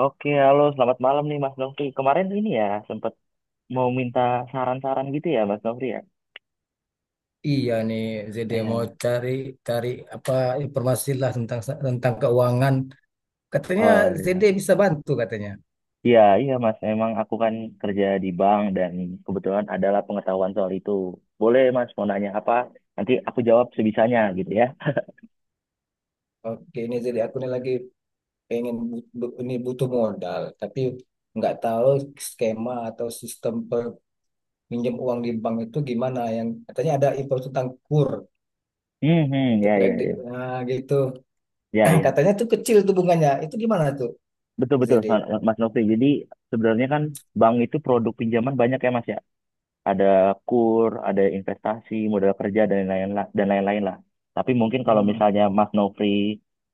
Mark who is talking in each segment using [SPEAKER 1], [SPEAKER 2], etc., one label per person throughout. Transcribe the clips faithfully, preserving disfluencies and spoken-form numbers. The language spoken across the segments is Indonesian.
[SPEAKER 1] Oke, halo, selamat malam nih Mas Nofri. Kemarin ini ya sempat mau minta saran-saran gitu ya Mas Nofri ya.
[SPEAKER 2] Iya nih, jadi mau
[SPEAKER 1] Iya.
[SPEAKER 2] cari cari apa informasi lah tentang tentang keuangan. Katanya
[SPEAKER 1] Oh,
[SPEAKER 2] Z D bisa bantu katanya.
[SPEAKER 1] iya iya Mas, emang aku kan kerja di bank dan kebetulan adalah pengetahuan soal itu. Boleh Mas mau nanya apa? Nanti aku jawab sebisanya gitu ya.
[SPEAKER 2] Oke, ini jadi aku nih lagi pengen bu- bu- ini butuh modal, tapi nggak tahu skema atau sistem pinjam uang di bank itu gimana. Yang katanya ada info tentang K U R
[SPEAKER 1] Hmm, hmm,
[SPEAKER 2] untuk
[SPEAKER 1] ya ya
[SPEAKER 2] kredit,
[SPEAKER 1] ya.
[SPEAKER 2] nah gitu.
[SPEAKER 1] Ya ya.
[SPEAKER 2] Katanya tuh kecil tuh bunganya. Itu gimana tuh,
[SPEAKER 1] Betul betul
[SPEAKER 2] Z D?
[SPEAKER 1] Mas Mas Nofri. Jadi sebenarnya kan bank itu produk pinjaman banyak ya Mas ya. Ada kur, ada investasi, modal kerja dan lain-lain lah, dan lain-lain lah. Tapi mungkin kalau
[SPEAKER 2] Hmm.
[SPEAKER 1] misalnya Mas Nofri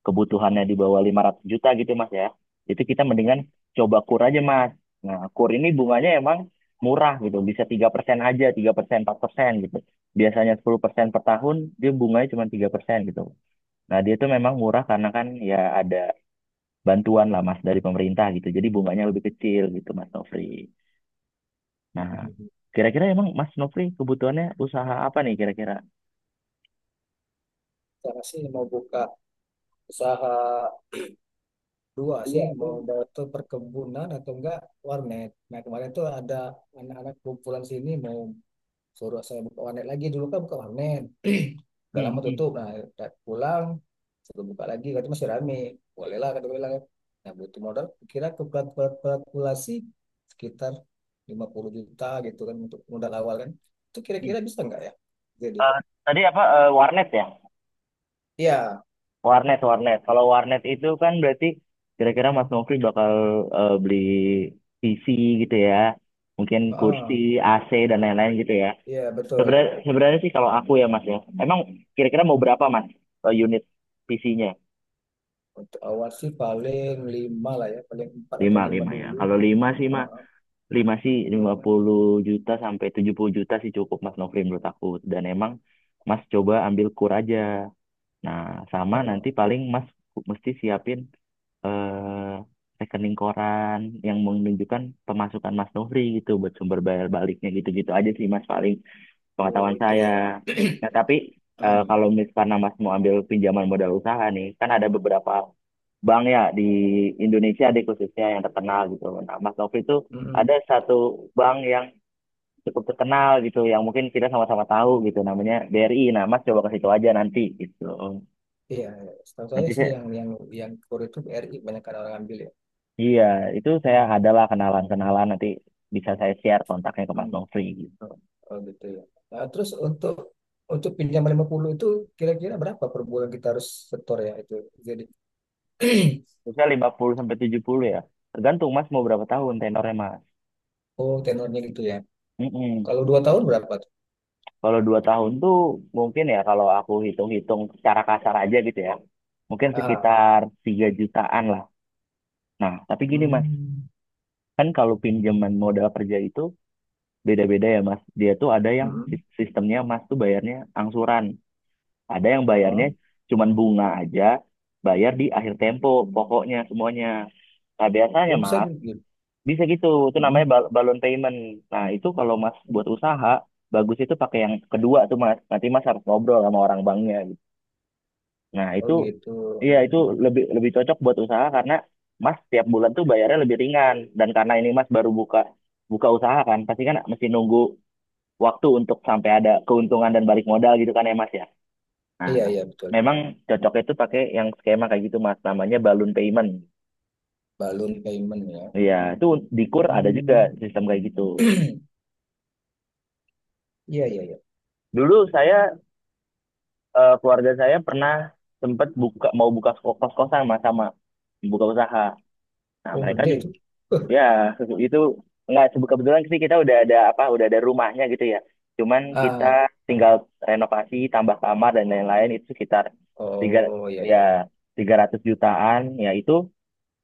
[SPEAKER 1] kebutuhannya di bawah lima ratus juta gitu Mas ya, itu kita mendingan coba kur aja Mas. Nah, kur ini bunganya emang murah gitu, bisa tiga persen aja, tiga persen, empat persen gitu. Biasanya sepuluh persen per tahun, dia bunganya cuma tiga persen gitu. Nah, dia itu memang murah karena kan ya ada bantuan lah Mas dari pemerintah gitu. Jadi bunganya lebih kecil gitu Mas Nofri. Nah, kira-kira emang Mas Nofri kebutuhannya usaha apa nih kira-kira?
[SPEAKER 2] Saya sih mau buka usaha dua
[SPEAKER 1] Iya.
[SPEAKER 2] sih
[SPEAKER 1] itu
[SPEAKER 2] mau
[SPEAKER 1] udah-
[SPEAKER 2] atau perkebunan atau enggak warnet. Nah kemarin tuh ada anak-anak kumpulan sini mau suruh saya buka warnet lagi, dulu kan buka warnet. Udah lama
[SPEAKER 1] Hmm, hmm,
[SPEAKER 2] tutup. Nah udah pulang suruh buka lagi katanya masih rame. Boleh lah kata gue bilang, kan. Nah butuh modal kira kalkulasi sekitar lima puluh juta gitu kan untuk modal awal kan. Itu
[SPEAKER 1] hmm.
[SPEAKER 2] kira-kira bisa enggak ya? Jadi
[SPEAKER 1] Eh, tadi apa eh, warnet ya?
[SPEAKER 2] iya,
[SPEAKER 1] Warnet, warnet. Kalau warnet itu kan berarti kira-kira Mas Nofri bakal eh, beli P C gitu ya, mungkin kursi,
[SPEAKER 2] heeh.
[SPEAKER 1] A C dan lain-lain gitu ya.
[SPEAKER 2] Iya betul.
[SPEAKER 1] Sebenarnya, sebenarnya sih kalau aku ya Mas ya, emang kira-kira mau berapa Mas eh, unit P C-nya?
[SPEAKER 2] Untuk awal sih paling lima lah ya, paling empat atau
[SPEAKER 1] Lima,
[SPEAKER 2] lima
[SPEAKER 1] lima ya.
[SPEAKER 2] dulu.
[SPEAKER 1] Kalau lima sih Mas.
[SPEAKER 2] Heeh,
[SPEAKER 1] Lima sih lima puluh juta sampai tujuh puluh juta sih cukup Mas Nofri menurut aku, dan emang Mas coba ambil kur aja. Nah, sama
[SPEAKER 2] heeh.
[SPEAKER 1] nanti paling Mas ku- mesti siapin eh, rekening koran yang menunjukkan pemasukan Mas Nofri gitu, buat sumber bayar baliknya. Gitu-gitu aja sih Mas paling
[SPEAKER 2] Oh
[SPEAKER 1] pengetahuan
[SPEAKER 2] itu
[SPEAKER 1] saya.
[SPEAKER 2] ya.
[SPEAKER 1] Nah, tapi eh, kalau misalnya Mas mau ambil pinjaman modal usaha nih, kan ada beberapa bank ya di Indonesia deh khususnya yang terkenal gitu. Nah, Mas Novi itu ada satu bank yang cukup terkenal gitu yang mungkin kita sama-sama tahu gitu, namanya B R I. Nah, Mas coba ke situ aja nanti gitu.
[SPEAKER 2] Iya, iya. Setahu saya
[SPEAKER 1] Nanti
[SPEAKER 2] sih
[SPEAKER 1] saya,
[SPEAKER 2] yang yang yang kur itu B R I banyak kan orang ambil ya.
[SPEAKER 1] iya, itu saya adalah kenalan-kenalan nanti, bisa saya share kontaknya ke Mas
[SPEAKER 2] Hmm,
[SPEAKER 1] Novi gitu.
[SPEAKER 2] oh gitu ya. Nah, terus untuk untuk pinjam lima puluh itu kira-kira berapa per bulan kita harus setor ya itu. Jadi
[SPEAKER 1] Terusnya lima puluh sampai tujuh puluh ya. Tergantung Mas mau berapa tahun tenornya Mas.
[SPEAKER 2] oh tenornya gitu ya.
[SPEAKER 1] Mm-mm.
[SPEAKER 2] Kalau dua tahun berapa tuh?
[SPEAKER 1] Kalau dua tahun tuh mungkin ya, kalau aku hitung-hitung secara kasar aja gitu ya. Mungkin
[SPEAKER 2] Ah,
[SPEAKER 1] sekitar tiga jutaan lah. Nah, tapi gini Mas,
[SPEAKER 2] hmm,
[SPEAKER 1] kan kalau pinjaman modal kerja itu beda-beda ya Mas. Dia tuh ada yang
[SPEAKER 2] hmm,
[SPEAKER 1] sis- sistemnya Mas tuh bayarnya angsuran. Ada yang bayarnya
[SPEAKER 2] heeh.
[SPEAKER 1] cuman bunga aja, bayar di akhir tempo, pokoknya semuanya. Nah, biasanya
[SPEAKER 2] Oh bisa
[SPEAKER 1] Mas,
[SPEAKER 2] juga gitu.
[SPEAKER 1] bisa gitu. Itu namanya
[SPEAKER 2] Hmm,
[SPEAKER 1] bal- balloon payment. Nah, itu kalau Mas buat
[SPEAKER 2] hmm.
[SPEAKER 1] usaha, bagus itu pakai yang kedua tuh Mas. Nanti Mas harus ngobrol sama orang banknya. Nah,
[SPEAKER 2] Oh
[SPEAKER 1] itu
[SPEAKER 2] gitu.
[SPEAKER 1] iya, itu lebih lebih cocok buat usaha karena Mas tiap bulan tuh bayarnya lebih ringan, dan karena ini Mas baru buka buka usaha kan, pasti kan mesti nunggu waktu untuk sampai ada keuntungan dan balik modal gitu kan ya Mas ya. Nah,
[SPEAKER 2] Iya iya betul.
[SPEAKER 1] memang cocoknya itu pakai yang skema kayak gitu Mas, namanya balloon payment.
[SPEAKER 2] Balloon payment ya.
[SPEAKER 1] Iya, itu di K U R ada juga
[SPEAKER 2] Hmm.
[SPEAKER 1] sistem kayak gitu.
[SPEAKER 2] Iya, iya, iya.
[SPEAKER 1] Dulu saya eh, keluarga saya pernah sempat buka mau buka kos-kosan Mas, sama buka usaha. Nah,
[SPEAKER 2] Oh,
[SPEAKER 1] mereka
[SPEAKER 2] gede
[SPEAKER 1] juga.
[SPEAKER 2] itu.
[SPEAKER 1] Ya, se- itu nggak sebe- kebetulan sih kita udah ada apa, udah ada rumahnya gitu ya. Cuman kita
[SPEAKER 2] Ah,
[SPEAKER 1] tinggal renovasi, tambah kamar dan lain-lain itu sekitar tiga
[SPEAKER 2] oh ya
[SPEAKER 1] ya
[SPEAKER 2] ya ya.
[SPEAKER 1] tiga ratus jutaan. Ya itu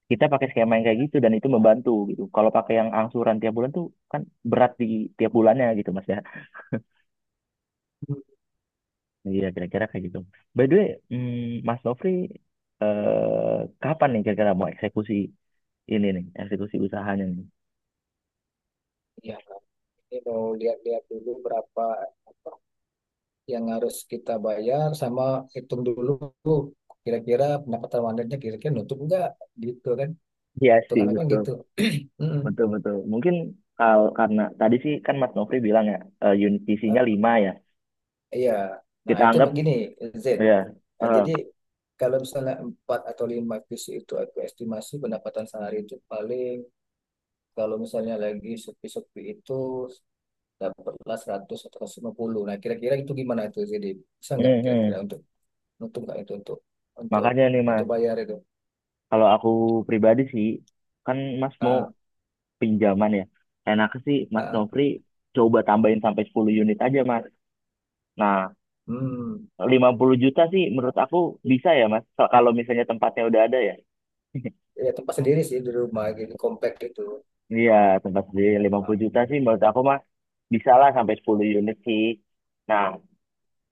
[SPEAKER 1] kita pakai skema yang kayak gitu, dan itu membantu gitu. Kalau pakai yang angsuran tiap bulan tuh kan berat di tiap bulannya gitu Mas ya. Iya kira-kira kayak gitu. By the way, hmm, Mas Nofri eh, kapan nih kira-kira mau eksekusi ini nih, eksekusi usahanya nih?
[SPEAKER 2] Ya, ini mau lihat-lihat dulu berapa apa yang harus kita bayar, sama hitung dulu kira-kira pendapatan wanitanya kira-kira nutup enggak gitu kan.
[SPEAKER 1] Iya sih,
[SPEAKER 2] Hitungan apa
[SPEAKER 1] betul.
[SPEAKER 2] gitu. Mm-mm.
[SPEAKER 1] Betul betul. Mungkin kalau karena tadi sih kan Mas Nofri bilang ya eh, unit isinya
[SPEAKER 2] Ah,
[SPEAKER 1] lima ya.
[SPEAKER 2] iya. Nah,
[SPEAKER 1] Kita
[SPEAKER 2] itu
[SPEAKER 1] anggap
[SPEAKER 2] begini Z.
[SPEAKER 1] ya.
[SPEAKER 2] Nah,
[SPEAKER 1] eh,
[SPEAKER 2] jadi kalau misalnya empat atau lima P C itu aku estimasi pendapatan sehari itu paling kalau misalnya lagi sepi-sepi itu dapatlah seratus atau seratus lima puluh. Nah, kira-kira itu gimana itu, jadi bisa nggak
[SPEAKER 1] hmm,
[SPEAKER 2] kira-kira
[SPEAKER 1] hmm.
[SPEAKER 2] untuk untuk nggak itu untuk untuk
[SPEAKER 1] Makanya nih Mas,
[SPEAKER 2] untuk bayar itu?
[SPEAKER 1] kalau aku pribadi sih kan Mas mau
[SPEAKER 2] Ah,
[SPEAKER 1] pinjaman ya. Enak sih
[SPEAKER 2] ah,
[SPEAKER 1] Mas
[SPEAKER 2] ah.
[SPEAKER 1] Nofri coba tambahin sampai sepuluh unit aja Mas. Nah,
[SPEAKER 2] Hmm.
[SPEAKER 1] lima puluh juta sih menurut aku bisa ya Mas. Kalau kalau misalnya tempatnya udah ada ya.
[SPEAKER 2] Ya tempat sendiri sih di rumah gitu compact itu.
[SPEAKER 1] Iya, tempat sendiri lima
[SPEAKER 2] Ah,
[SPEAKER 1] puluh juta sih menurut aku Mas bisa lah sampai sepuluh unit sih. Nah,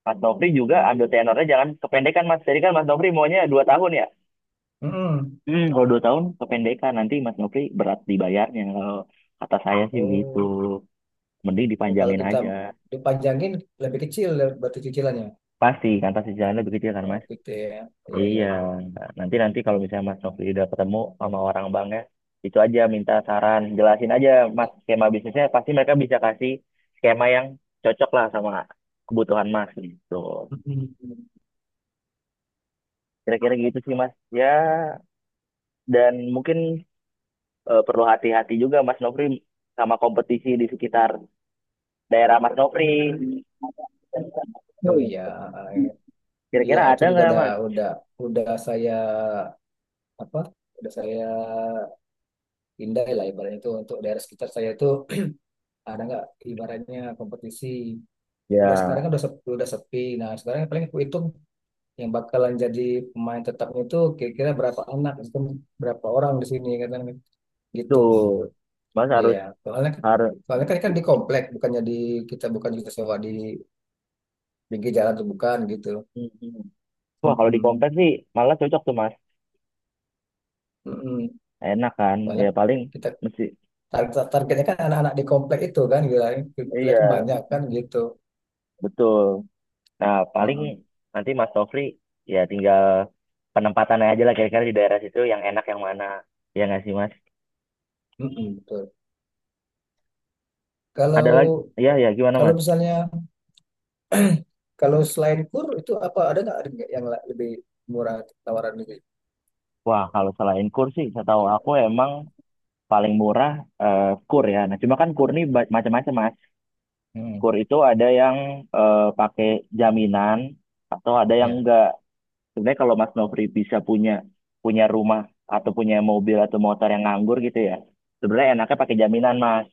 [SPEAKER 1] Mas Nofri juga ambil tenornya jangan kependekan Mas. Jadi kan Mas Nofri maunya dua tahun ya?
[SPEAKER 2] mm.
[SPEAKER 1] Hmm, kalau dua tahun kependekan, nanti Mas Nofri berat dibayarnya. Kalau kata saya sih begitu.
[SPEAKER 2] Oh,
[SPEAKER 1] Mending
[SPEAKER 2] oh, kalau
[SPEAKER 1] dipanjangin
[SPEAKER 2] kita
[SPEAKER 1] aja.
[SPEAKER 2] dipanjangin lebih kecil ya, berarti cicilannya.
[SPEAKER 1] Pasti kan pasti jalannya begitu ya kan
[SPEAKER 2] Oh,
[SPEAKER 1] Mas?
[SPEAKER 2] gitu ya. Iya, iya,
[SPEAKER 1] Iya.
[SPEAKER 2] iya.
[SPEAKER 1] Nanti nanti kalau misalnya Mas Nofri udah ketemu sama orang bank ya, itu aja minta saran, jelasin aja Mas skema bisnisnya. Pasti mereka bisa kasih skema yang cocok lah sama kebutuhan Mas gitu.
[SPEAKER 2] Mm.
[SPEAKER 1] Kira-kira gitu sih Mas. Ya, dan mungkin eh, perlu hati-hati juga Mas Nofri sama kompetisi di sekitar daerah Mas Nofri.
[SPEAKER 2] Oh iya, ah, iya. Iya,
[SPEAKER 1] Kira-kira
[SPEAKER 2] itu
[SPEAKER 1] ada
[SPEAKER 2] juga
[SPEAKER 1] nggak
[SPEAKER 2] udah
[SPEAKER 1] Mas?
[SPEAKER 2] udah udah saya apa? Udah saya pindai lah ibaratnya, itu untuk daerah sekitar saya itu ada nggak ibaratnya kompetisi. Udah sekarang
[SPEAKER 1] Ya,
[SPEAKER 2] kan udah sepi, udah sepi. Nah sekarang paling aku hitung yang bakalan jadi pemain tetapnya itu kira-kira berapa anak itu, berapa orang di sini kan gitu
[SPEAKER 1] tuh, Mas
[SPEAKER 2] ya.
[SPEAKER 1] harus
[SPEAKER 2] Soalnya kan,
[SPEAKER 1] harus.
[SPEAKER 2] soalnya kan, kan di komplek, bukannya di, kita bukan kita sewa di pinggir jalan tuh, bukan gitu.
[SPEAKER 1] Wah kalau di
[SPEAKER 2] Mm-mm.
[SPEAKER 1] kompleks sih malah cocok tuh Mas.
[SPEAKER 2] Mm-mm.
[SPEAKER 1] Enak kan?
[SPEAKER 2] Soalnya
[SPEAKER 1] Ya paling
[SPEAKER 2] kita
[SPEAKER 1] mesti
[SPEAKER 2] tar- targetnya kan anak-anak di komplek itu kan, gila komplek
[SPEAKER 1] iya.
[SPEAKER 2] banyak kan gitu.
[SPEAKER 1] Betul. Nah paling
[SPEAKER 2] Mm-mm.
[SPEAKER 1] nanti Mas Nofri ya tinggal penempatannya aja lah, kira-kira di daerah situ yang enak yang mana. Ya nggak sih Mas?
[SPEAKER 2] Mm-mm, betul.
[SPEAKER 1] Ada lagi?
[SPEAKER 2] Kalau
[SPEAKER 1] Ya ya gimana
[SPEAKER 2] kalau
[SPEAKER 1] Mas?
[SPEAKER 2] misalnya Kalau selain kur itu apa ada nggak ada nggak yang la- lebih murah, tawaran lebih?
[SPEAKER 1] Wah, kalau selain kur sih, saya tahu aku emang paling murah eh, kur ya. Nah, cuma kan kur ini ba- macam-macam, Mas.
[SPEAKER 2] Hmm,
[SPEAKER 1] Kur itu ada yang eh, pakai jaminan atau ada yang
[SPEAKER 2] ya.
[SPEAKER 1] enggak. Sebenarnya kalau Mas Nofri bisa punya punya rumah atau punya mobil atau motor yang nganggur gitu ya, sebenarnya enaknya pakai jaminan, Mas.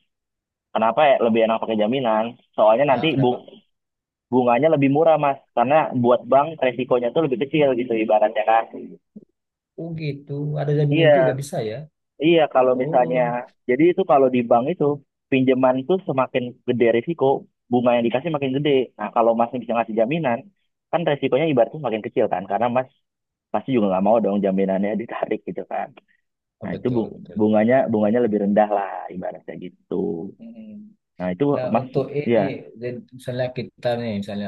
[SPEAKER 1] Kenapa ya lebih enak pakai jaminan? Soalnya nanti
[SPEAKER 2] Ah,
[SPEAKER 1] bu-
[SPEAKER 2] kenapa?
[SPEAKER 1] bunganya lebih murah, Mas. Karena buat bank resikonya tuh lebih kecil gitu ibaratnya kan.
[SPEAKER 2] Oh gitu, ada jaminan juga
[SPEAKER 1] Iya,
[SPEAKER 2] bisa ya.
[SPEAKER 1] iya, kalau
[SPEAKER 2] Oh,
[SPEAKER 1] misalnya, jadi itu kalau di bank itu pinjaman itu semakin gede risiko, bunga yang dikasih makin gede. Nah, kalau Mas bisa ngasih jaminan, kan resikonya ibaratnya makin kecil kan, karena Mas pasti juga nggak mau dong jaminannya ditarik gitu kan.
[SPEAKER 2] oh,
[SPEAKER 1] Nah, itu
[SPEAKER 2] betul
[SPEAKER 1] bu-
[SPEAKER 2] betul.
[SPEAKER 1] bunganya bunganya lebih rendah lah ibaratnya gitu.
[SPEAKER 2] Mm.
[SPEAKER 1] Nah, itu
[SPEAKER 2] Nah
[SPEAKER 1] Mas,
[SPEAKER 2] untuk ini,
[SPEAKER 1] ya,
[SPEAKER 2] jadi misalnya kita nih, misalnya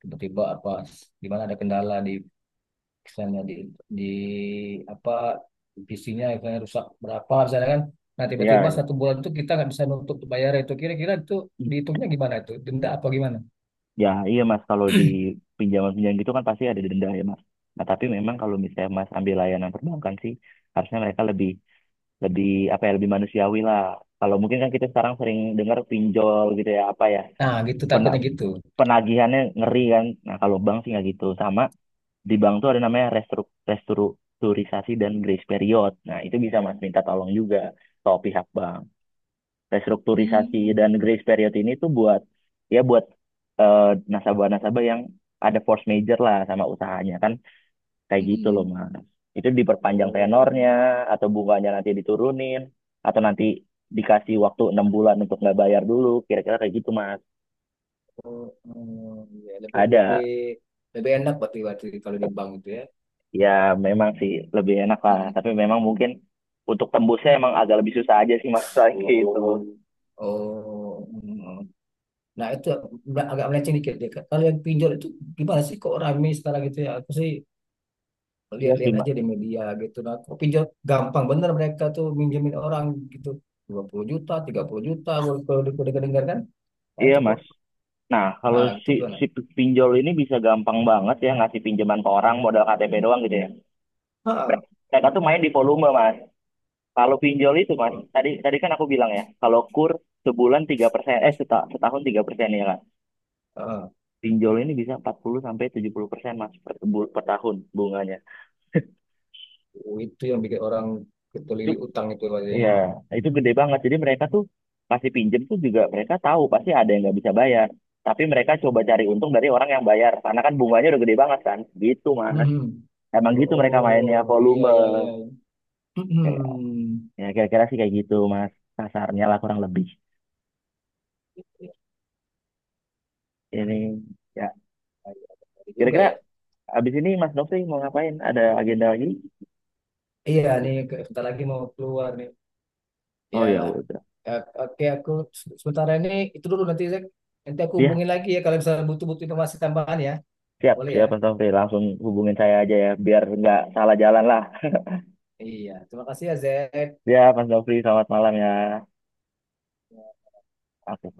[SPEAKER 2] tiba-tiba apa, di mana ada kendala di, misalnya di di apa P C-nya misalnya rusak berapa misalnya kan. Nah tiba-tiba
[SPEAKER 1] ya,
[SPEAKER 2] satu bulan itu kita nggak bisa nutup tuh bayar itu. Kira-kira itu dihitungnya gimana itu? Denda apa gimana?
[SPEAKER 1] ya, iya Mas, kalau di pinjaman-pinjaman gitu kan pasti ada denda ya Mas. Nah, tapi memang kalau misalnya Mas ambil layanan perbankan sih, harusnya mereka lebih lebih apa ya, lebih manusiawi lah. Kalau mungkin kan kita sekarang sering dengar pinjol gitu ya apa ya,
[SPEAKER 2] Nah gitu
[SPEAKER 1] pena-
[SPEAKER 2] takutnya gitu.
[SPEAKER 1] penagihannya ngeri kan. Nah kalau bank sih nggak gitu. Sama di bank tuh ada namanya restru- restrukturisasi dan grace period. Nah itu bisa mas minta tolong juga ke pihak bank. Restrukturisasi
[SPEAKER 2] Hmm.
[SPEAKER 1] dan grace period ini tuh buat ya buat eh, nasabah-nasabah yang ada force major lah sama usahanya kan. Kayak gitu loh,
[SPEAKER 2] Mm-mm.
[SPEAKER 1] Mas. Itu diperpanjang
[SPEAKER 2] Oh,
[SPEAKER 1] tenornya, atau bunganya nanti diturunin, atau nanti dikasih waktu enam bulan untuk nggak bayar dulu, kira-kira kayak gitu, Mas.
[SPEAKER 2] oh, oh, ya lebih
[SPEAKER 1] Ada,
[SPEAKER 2] lebih lebih enak, berarti berarti kalau di bank itu ya.
[SPEAKER 1] ya memang sih lebih enak lah,
[SPEAKER 2] Mm-mm.
[SPEAKER 1] tapi memang mungkin untuk tembusnya emang agak lebih susah aja sih, Mas, soalnya gitu.
[SPEAKER 2] Oh, mm. Nah itu ag- agak melenceng dikit deh. Kalau yang pinjol itu gimana sih kok rame sekarang gitu ya? Aku sih
[SPEAKER 1] Iya sih,
[SPEAKER 2] lihat-lihat aja
[SPEAKER 1] Mas.
[SPEAKER 2] di media gitu. Nah, kok pinjol gampang bener mereka tuh minjemin orang gitu. dua puluh juta, tiga puluh juta kalau kalau di- kalau dengar kan. Nah,
[SPEAKER 1] Iya,
[SPEAKER 2] itu kok.
[SPEAKER 1] Mas. Nah, kalau
[SPEAKER 2] Nah, itu
[SPEAKER 1] si,
[SPEAKER 2] gimana?
[SPEAKER 1] si pinjol ini bisa gampang banget ya ngasih pinjaman ke orang modal K T P doang gitu ya.
[SPEAKER 2] Ha, ha,
[SPEAKER 1] Mereka tuh main di volume, Mas. Kalau pinjol itu mas, tadi tadi kan aku bilang ya, kalau kur sebulan tiga persen, eh seta- setahun tiga persen ya kan.
[SPEAKER 2] ha.
[SPEAKER 1] Pinjol ini bisa empat puluh sampai tujuh puluh persen mas per, bu- per tahun bunganya.
[SPEAKER 2] Oh, itu yang bikin orang
[SPEAKER 1] Itu
[SPEAKER 2] ketelilit utang itu
[SPEAKER 1] ya.
[SPEAKER 2] katanya.
[SPEAKER 1] Wow, itu gede banget. Jadi mereka tuh pasti pinjem tuh juga mereka tahu pasti ada yang nggak bisa bayar. Tapi mereka coba cari untung dari orang yang bayar, karena kan bunganya udah gede banget kan. Gitu mas.
[SPEAKER 2] Mhm.
[SPEAKER 1] Emang
[SPEAKER 2] Oh,
[SPEAKER 1] gitu mereka mainnya
[SPEAKER 2] oh, iya
[SPEAKER 1] volume.
[SPEAKER 2] iya iya.
[SPEAKER 1] Kayak,
[SPEAKER 2] Mhm.
[SPEAKER 1] ya kira-kira sih kayak gitu mas. Kasarnya lah kurang lebih.
[SPEAKER 2] Iya,
[SPEAKER 1] Ini ya
[SPEAKER 2] iya, benar juga
[SPEAKER 1] kira-kira.
[SPEAKER 2] ya.
[SPEAKER 1] Abis ini Mas Nofri mau ngapain? Ada agenda lagi?
[SPEAKER 2] Iya nih, ke- bentar lagi mau keluar nih.
[SPEAKER 1] Oh ya
[SPEAKER 2] Iyalah.
[SPEAKER 1] udah.
[SPEAKER 2] Ya, oke, aku se- sementara ini itu dulu nanti Zek. Nanti aku
[SPEAKER 1] Ya,
[SPEAKER 2] hubungin lagi ya kalau misalnya butuh-butuh informasi tambahan ya.
[SPEAKER 1] siap,
[SPEAKER 2] Boleh ya?
[SPEAKER 1] siap Mas Nofri. Langsung hubungin saya aja ya, biar nggak salah jalan lah.
[SPEAKER 2] Iya, terima kasih ya Zek.
[SPEAKER 1] Ya, Mas Nofri, selamat malam ya. Oke,